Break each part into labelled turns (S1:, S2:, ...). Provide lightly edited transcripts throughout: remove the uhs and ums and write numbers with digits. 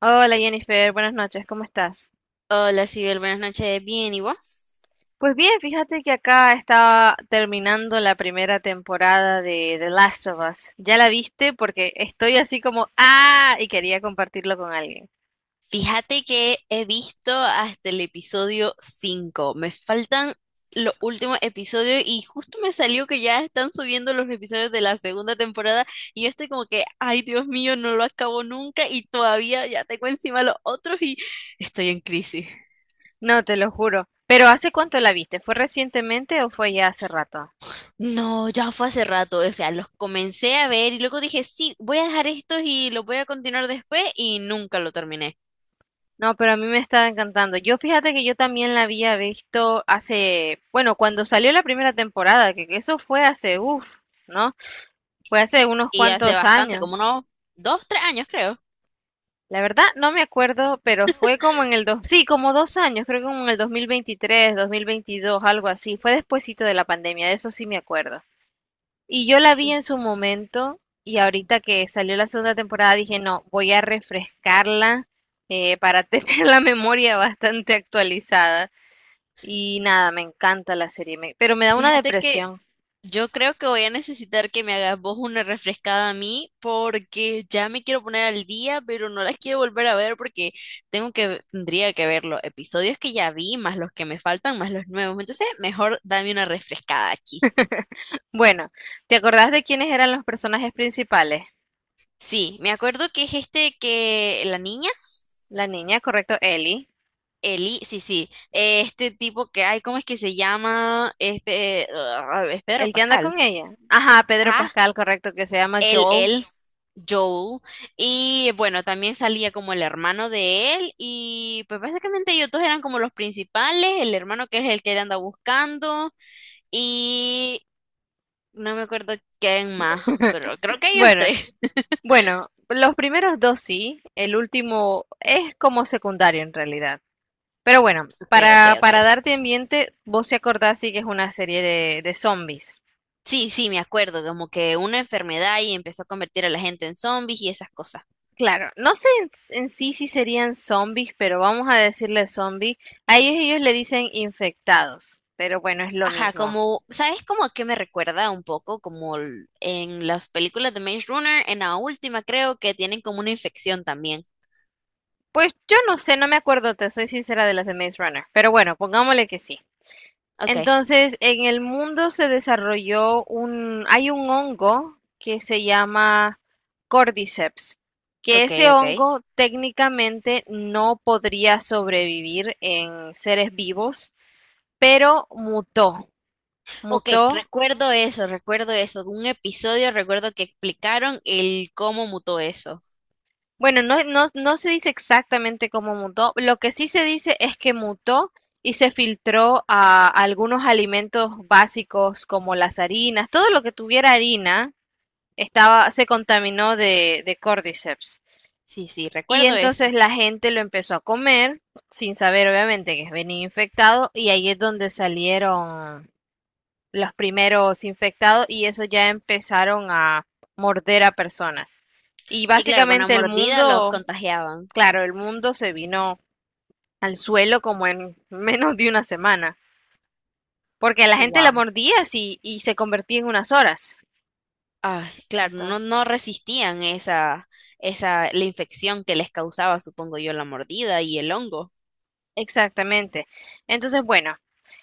S1: Hola Jennifer, buenas noches, ¿cómo estás?
S2: Hola, Sibel, buenas noches. Bien, ¿y vos?
S1: Pues bien, fíjate que acá estaba terminando la primera temporada de The Last of Us. ¿Ya la viste? Porque estoy así como, ah, y quería compartirlo con alguien.
S2: Fíjate que he visto hasta el episodio 5. Me faltan los últimos episodios y justo me salió que ya están subiendo los episodios de la segunda temporada y yo estoy como que, ay, Dios mío, no lo acabo nunca y todavía ya tengo encima los otros y estoy en crisis.
S1: No, te lo juro. Pero ¿hace cuánto la viste? ¿Fue recientemente o fue ya hace rato?
S2: No, ya fue hace rato, o sea, los comencé a ver y luego dije, sí, voy a dejar estos y los voy a continuar después y nunca lo terminé.
S1: No, pero a mí me está encantando. Yo fíjate que yo también la había visto hace, bueno, cuando salió la primera temporada, que eso fue hace, uff, ¿no? Fue hace unos
S2: Y hace
S1: cuantos
S2: bastante, como
S1: años.
S2: unos 2, 3 años creo.
S1: La verdad, no me acuerdo, pero fue como en el dos, sí, como dos años, creo que como en el 2023, 2022, algo así. Fue despuesito de la pandemia, de eso sí me acuerdo. Y yo la vi
S2: Sí.
S1: en su momento y ahorita que salió la segunda temporada dije, no, voy a refrescarla para tener la memoria bastante actualizada. Y nada, me encanta la serie, me- pero me da una
S2: Fíjate que
S1: depresión.
S2: yo creo que voy a necesitar que me hagas vos una refrescada a mí porque ya me quiero poner al día, pero no las quiero volver a ver porque tengo que, tendría que ver los episodios que ya vi, más los que me faltan, más los nuevos. Entonces, mejor dame una refrescada aquí.
S1: Bueno, ¿te acordás de quiénes eran los personajes principales?
S2: Sí, me acuerdo que es este que la niña,
S1: La niña, correcto, Ellie.
S2: Eli, sí, sí, este tipo que hay, ¿cómo es que se llama? Este, ah, es Pedro
S1: El que anda
S2: Pascal.
S1: con ella. Ajá, Pedro
S2: Ajá,
S1: Pascal, correcto, que se llama
S2: él,
S1: Joel.
S2: él, Joel. Y bueno, también salía como el hermano de él. Y pues básicamente ellos dos eran como los principales. El hermano que es el que él anda buscando. Y no me acuerdo quién más, pero creo que ellos
S1: Bueno,
S2: tres.
S1: bueno, los primeros dos sí, el último es como secundario en realidad. Pero bueno,
S2: Ok, ok,
S1: para
S2: ok.
S1: darte ambiente, vos se acordás sí que es una serie de zombies.
S2: Sí, sí, me acuerdo, como que una enfermedad y empezó a convertir a la gente en zombies y esas cosas.
S1: Claro, no sé en sí si serían zombies, pero vamos a decirle zombies. A ellos le dicen infectados, pero bueno, es lo
S2: Ajá,
S1: mismo.
S2: como, ¿sabes cómo que me recuerda un poco? Como en las películas de Maze Runner, en la última creo que tienen como una infección también.
S1: Pues yo no sé, no me acuerdo, te soy sincera de las de Maze Runner, pero bueno, pongámosle que sí.
S2: Ok.
S1: Entonces, en el mundo se desarrolló un, hay un hongo que se llama Cordyceps, que
S2: Ok,
S1: ese
S2: ok.
S1: hongo técnicamente no podría sobrevivir en seres vivos, pero mutó,
S2: Ok,
S1: mutó.
S2: recuerdo eso, recuerdo eso. Un episodio, recuerdo que explicaron el cómo mutó eso.
S1: Bueno, no se dice exactamente cómo mutó, lo que sí se dice es que mutó y se filtró a algunos alimentos básicos como las harinas, todo lo que tuviera harina estaba, se contaminó de cordyceps.
S2: Sí, sí,
S1: Y
S2: recuerdo
S1: entonces
S2: eso.
S1: la gente lo empezó a comer, sin saber obviamente que venía infectado, y ahí es donde salieron los primeros infectados y eso ya empezaron a morder a personas. Y
S2: Y claro, con la
S1: básicamente el
S2: mordida los
S1: mundo,
S2: contagiaban.
S1: claro, el mundo se vino al suelo como en menos de una semana, porque a la gente la
S2: Wow.
S1: mordía así y se convertía en unas horas.
S2: Ay, claro, no,
S1: Entonces,
S2: no resistían esa, la infección que les causaba, supongo yo, la mordida y el hongo.
S1: exactamente. Entonces, bueno,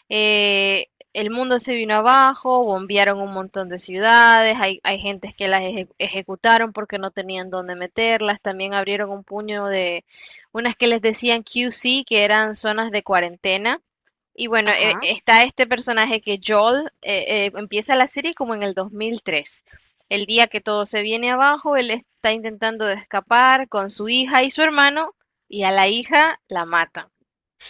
S1: eh, el mundo se vino abajo, bombearon un montón de ciudades, hay gentes que las eje- ejecutaron porque no tenían dónde meterlas, también abrieron un puño de unas que les decían QC, que eran zonas de cuarentena. Y bueno, e-
S2: Ajá.
S1: está este personaje que Joel empieza la serie como en el 2003. El día que todo se viene abajo, él está intentando de escapar con su hija y su hermano, y a la hija la matan.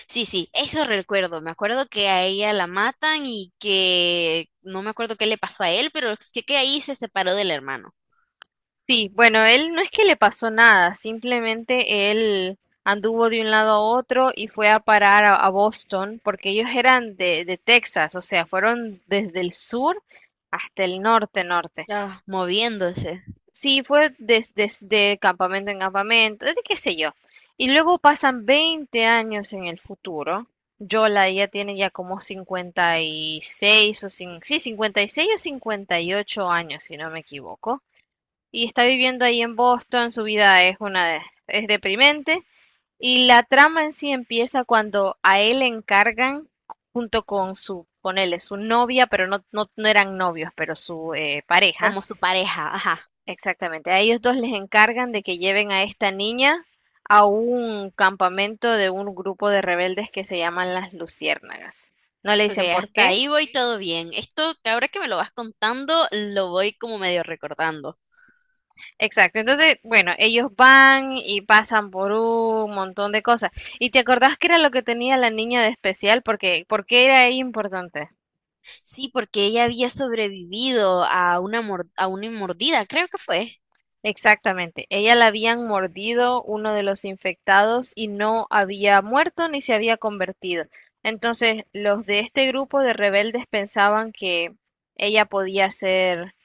S2: Sí, sí, eso recuerdo. Me acuerdo que a ella la matan y que no me acuerdo qué le pasó a él, pero sé que ahí se separó del hermano.
S1: Sí, bueno, él no es que le pasó nada, simplemente él anduvo de un lado a otro y fue a parar a Boston, porque ellos eran de Texas, o sea, fueron desde el sur hasta el norte, norte.
S2: Ah, moviéndose.
S1: Sí, fue des- desde campamento en campamento, desde qué sé yo. Y luego pasan 20 años en el futuro. Yola ya tiene ya como 56 o cin- sí, 56 o 58 años, si no me equivoco y está viviendo ahí en Boston, su vida es una es deprimente y la trama en sí empieza cuando a él le encargan junto con su, ponele, su novia, pero no eran novios, pero su pareja,
S2: Como su pareja, ajá.
S1: exactamente, a ellos dos les encargan de que lleven a esta niña a un campamento de un grupo de rebeldes que se llaman las Luciérnagas. No le
S2: Ok,
S1: dicen por
S2: hasta
S1: qué,
S2: ahí voy todo bien. Esto que ahora que me lo vas contando, lo voy como medio recordando.
S1: exacto, entonces, bueno, ellos van y pasan por un montón de cosas. ¿Y te acordás qué era lo que tenía la niña de especial? Porque, ¿por qué era ella importante?
S2: Sí, porque ella había sobrevivido a una, a una mordida, creo que fue.
S1: Exactamente, ella la habían mordido uno de los infectados y no había muerto ni se había convertido. Entonces, los de este grupo de rebeldes pensaban que ella podía ser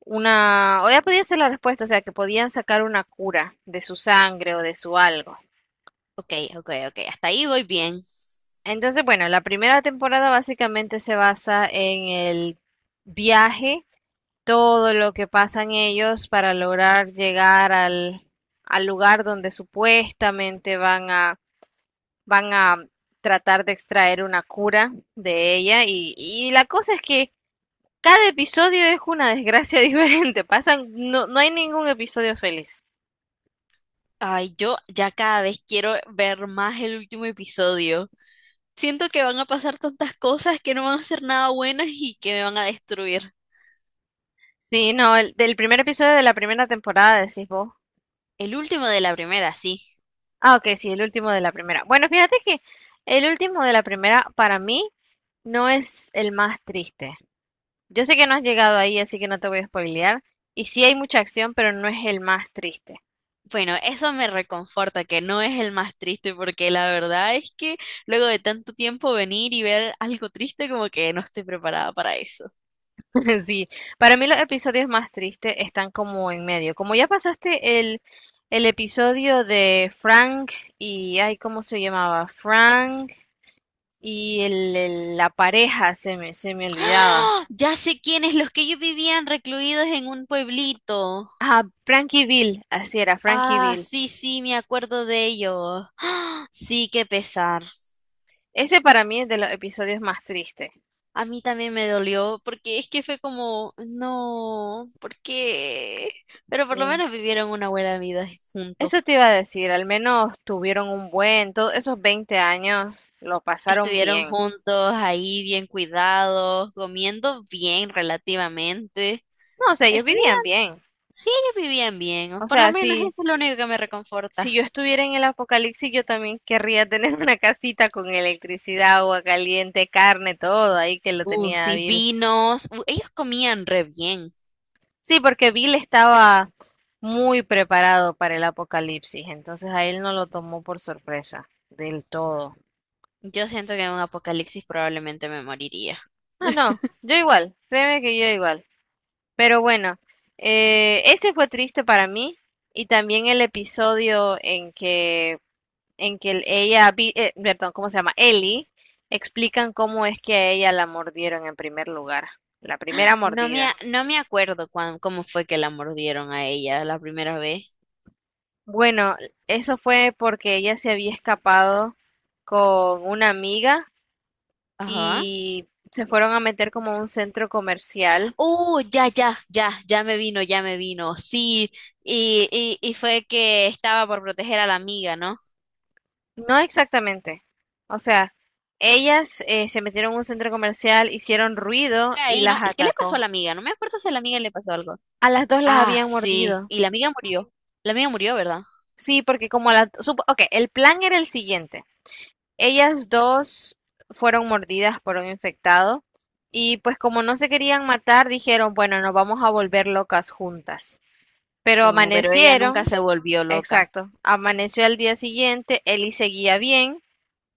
S1: una, o ella podía ser la respuesta, o sea, que podían sacar una cura de su sangre o de su algo.
S2: Ok, ok, ok, hasta ahí voy bien.
S1: Entonces, bueno, la primera temporada básicamente se basa en el viaje, todo lo que pasan ellos para lograr llegar al lugar donde supuestamente van a tratar de extraer una cura de ella. Y la cosa es que cada episodio es una desgracia diferente. Pasan, no hay ningún episodio feliz.
S2: Ay, yo ya cada vez quiero ver más el último episodio. Siento que van a pasar tantas cosas que no van a ser nada buenas y que me van a destruir.
S1: Sí, no, el, del primer episodio de la primera temporada, decís vos.
S2: El último de la primera, sí.
S1: Ah, ok, sí, el último de la primera. Bueno, fíjate que el último de la primera para mí no es el más triste. Yo sé que no has llegado ahí, así que no te voy a spoilear. Y sí hay mucha acción, pero no es el más triste.
S2: Bueno, eso me reconforta, que no es el más triste, porque la verdad es que luego de tanto tiempo venir y ver algo triste, como que no estoy preparada para eso.
S1: Sí, para mí los episodios más tristes están como en medio. Como ya pasaste el episodio de Frank y, ay, ¿cómo se llamaba? Frank y la pareja, se me olvidaba.
S2: ¡Ah! Ya sé quiénes, los que ellos vivían recluidos en un pueblito.
S1: Ah, Frankie Bill, así era, Frankie
S2: Ah,
S1: Bill.
S2: sí, sí, me acuerdo de ellos. ¡Ah! Sí, qué pesar.
S1: Ese para mí es de los episodios más tristes.
S2: A mí también me dolió, porque es que fue como, no, ¿por qué? Pero por lo
S1: Sí.
S2: menos vivieron una buena vida juntos.
S1: Eso te iba a decir, al menos tuvieron un buen, todos esos 20 años lo pasaron
S2: Estuvieron
S1: bien.
S2: juntos ahí bien cuidados, comiendo bien relativamente.
S1: No, o sea, ellos
S2: Estuvieron,
S1: vivían bien.
S2: sí, vivían bien.
S1: O
S2: Por lo
S1: sea,
S2: menos eso es lo único que me
S1: si
S2: reconforta.
S1: si yo estuviera en el apocalipsis, yo también querría tener una casita con electricidad, agua caliente, carne, todo ahí que lo tenía
S2: Sí,
S1: Bill.
S2: vinos. Ellos comían re bien.
S1: Sí, porque Bill estaba muy preparado para el apocalipsis, entonces a él no lo tomó por sorpresa del todo.
S2: Yo siento que en un apocalipsis probablemente me moriría.
S1: Ah, no, yo igual, créeme que yo igual. Pero bueno, ese fue triste para mí y también el episodio en que ella, vi- perdón, ¿cómo se llama? Ellie, explican cómo es que a ella la mordieron en primer lugar, la primera
S2: No me, a-
S1: mordida.
S2: no me acuerdo cómo fue que la mordieron a ella la primera vez.
S1: Bueno, eso fue porque ella se había escapado con una amiga
S2: Ajá.
S1: y se fueron a meter como a un centro comercial.
S2: Ya, ya, ya, ya me vino, ya me vino. Sí, y fue que estaba por proteger a la amiga, ¿no?
S1: No exactamente. O sea, ellas se metieron en un centro comercial, hicieron ruido y
S2: ahí, ¿no?
S1: las
S2: ¿Qué le pasó a
S1: atacó.
S2: la amiga? No me acuerdo si a la amiga le pasó algo.
S1: A las dos las
S2: Ah,
S1: habían
S2: sí,
S1: mordido.
S2: y la amiga murió. La amiga murió, ¿verdad?
S1: Sí, porque como a las... Ok, el plan era el siguiente. Ellas dos fueron mordidas por un infectado y pues como no se querían matar, dijeron, bueno, nos vamos a volver locas juntas. Pero
S2: No, pero ella nunca
S1: amanecieron,
S2: se volvió loca.
S1: exacto, amaneció al día siguiente, Ellie seguía bien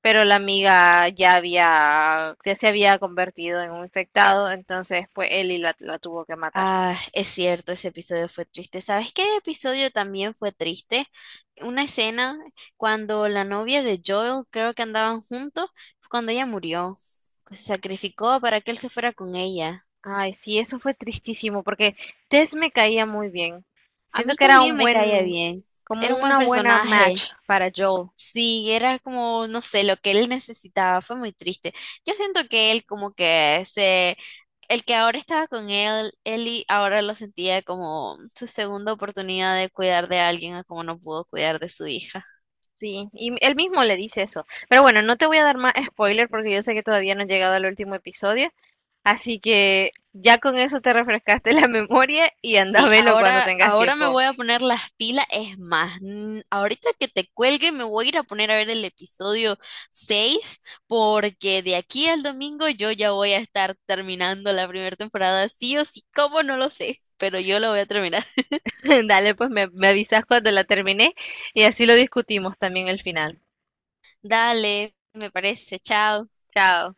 S1: pero la amiga ya había, ya se había convertido en un infectado, entonces pues Ellie la tuvo que matar.
S2: Ah, es cierto, ese episodio fue triste. ¿Sabes qué episodio también fue triste? Una escena cuando la novia de Joel, creo que andaban juntos, fue cuando ella murió. Se sacrificó para que él se fuera con ella.
S1: Ay, sí, eso fue tristísimo, porque Tess me caía muy bien.
S2: A
S1: Siento
S2: mí
S1: que era
S2: también
S1: un
S2: me caía
S1: buen,
S2: bien.
S1: como
S2: Era un buen
S1: una buena
S2: personaje.
S1: match para Joel.
S2: Sí, era como, no sé, lo que él necesitaba, fue muy triste. Yo siento que él como que se, el que ahora estaba con él, Eli ahora lo sentía como su segunda oportunidad de cuidar de alguien, a como no pudo cuidar de su hija.
S1: Sí, y él mismo le dice eso. Pero bueno, no te voy a dar más spoiler porque yo sé que todavía no he llegado al último episodio. Así que ya con eso te refrescaste la memoria y anda a
S2: Sí,
S1: verlo cuando
S2: ahora,
S1: tengas
S2: ahora me
S1: tiempo.
S2: voy a poner las pilas, es más, ahorita que te cuelgue me voy a ir a poner a ver el episodio 6 porque de aquí al domingo yo ya voy a estar terminando la primera temporada, sí o sí, cómo no lo sé, pero yo lo voy a terminar.
S1: Dale, pues me avisas cuando la termine y así lo discutimos también el final.
S2: Dale, me parece, chao.
S1: Chao.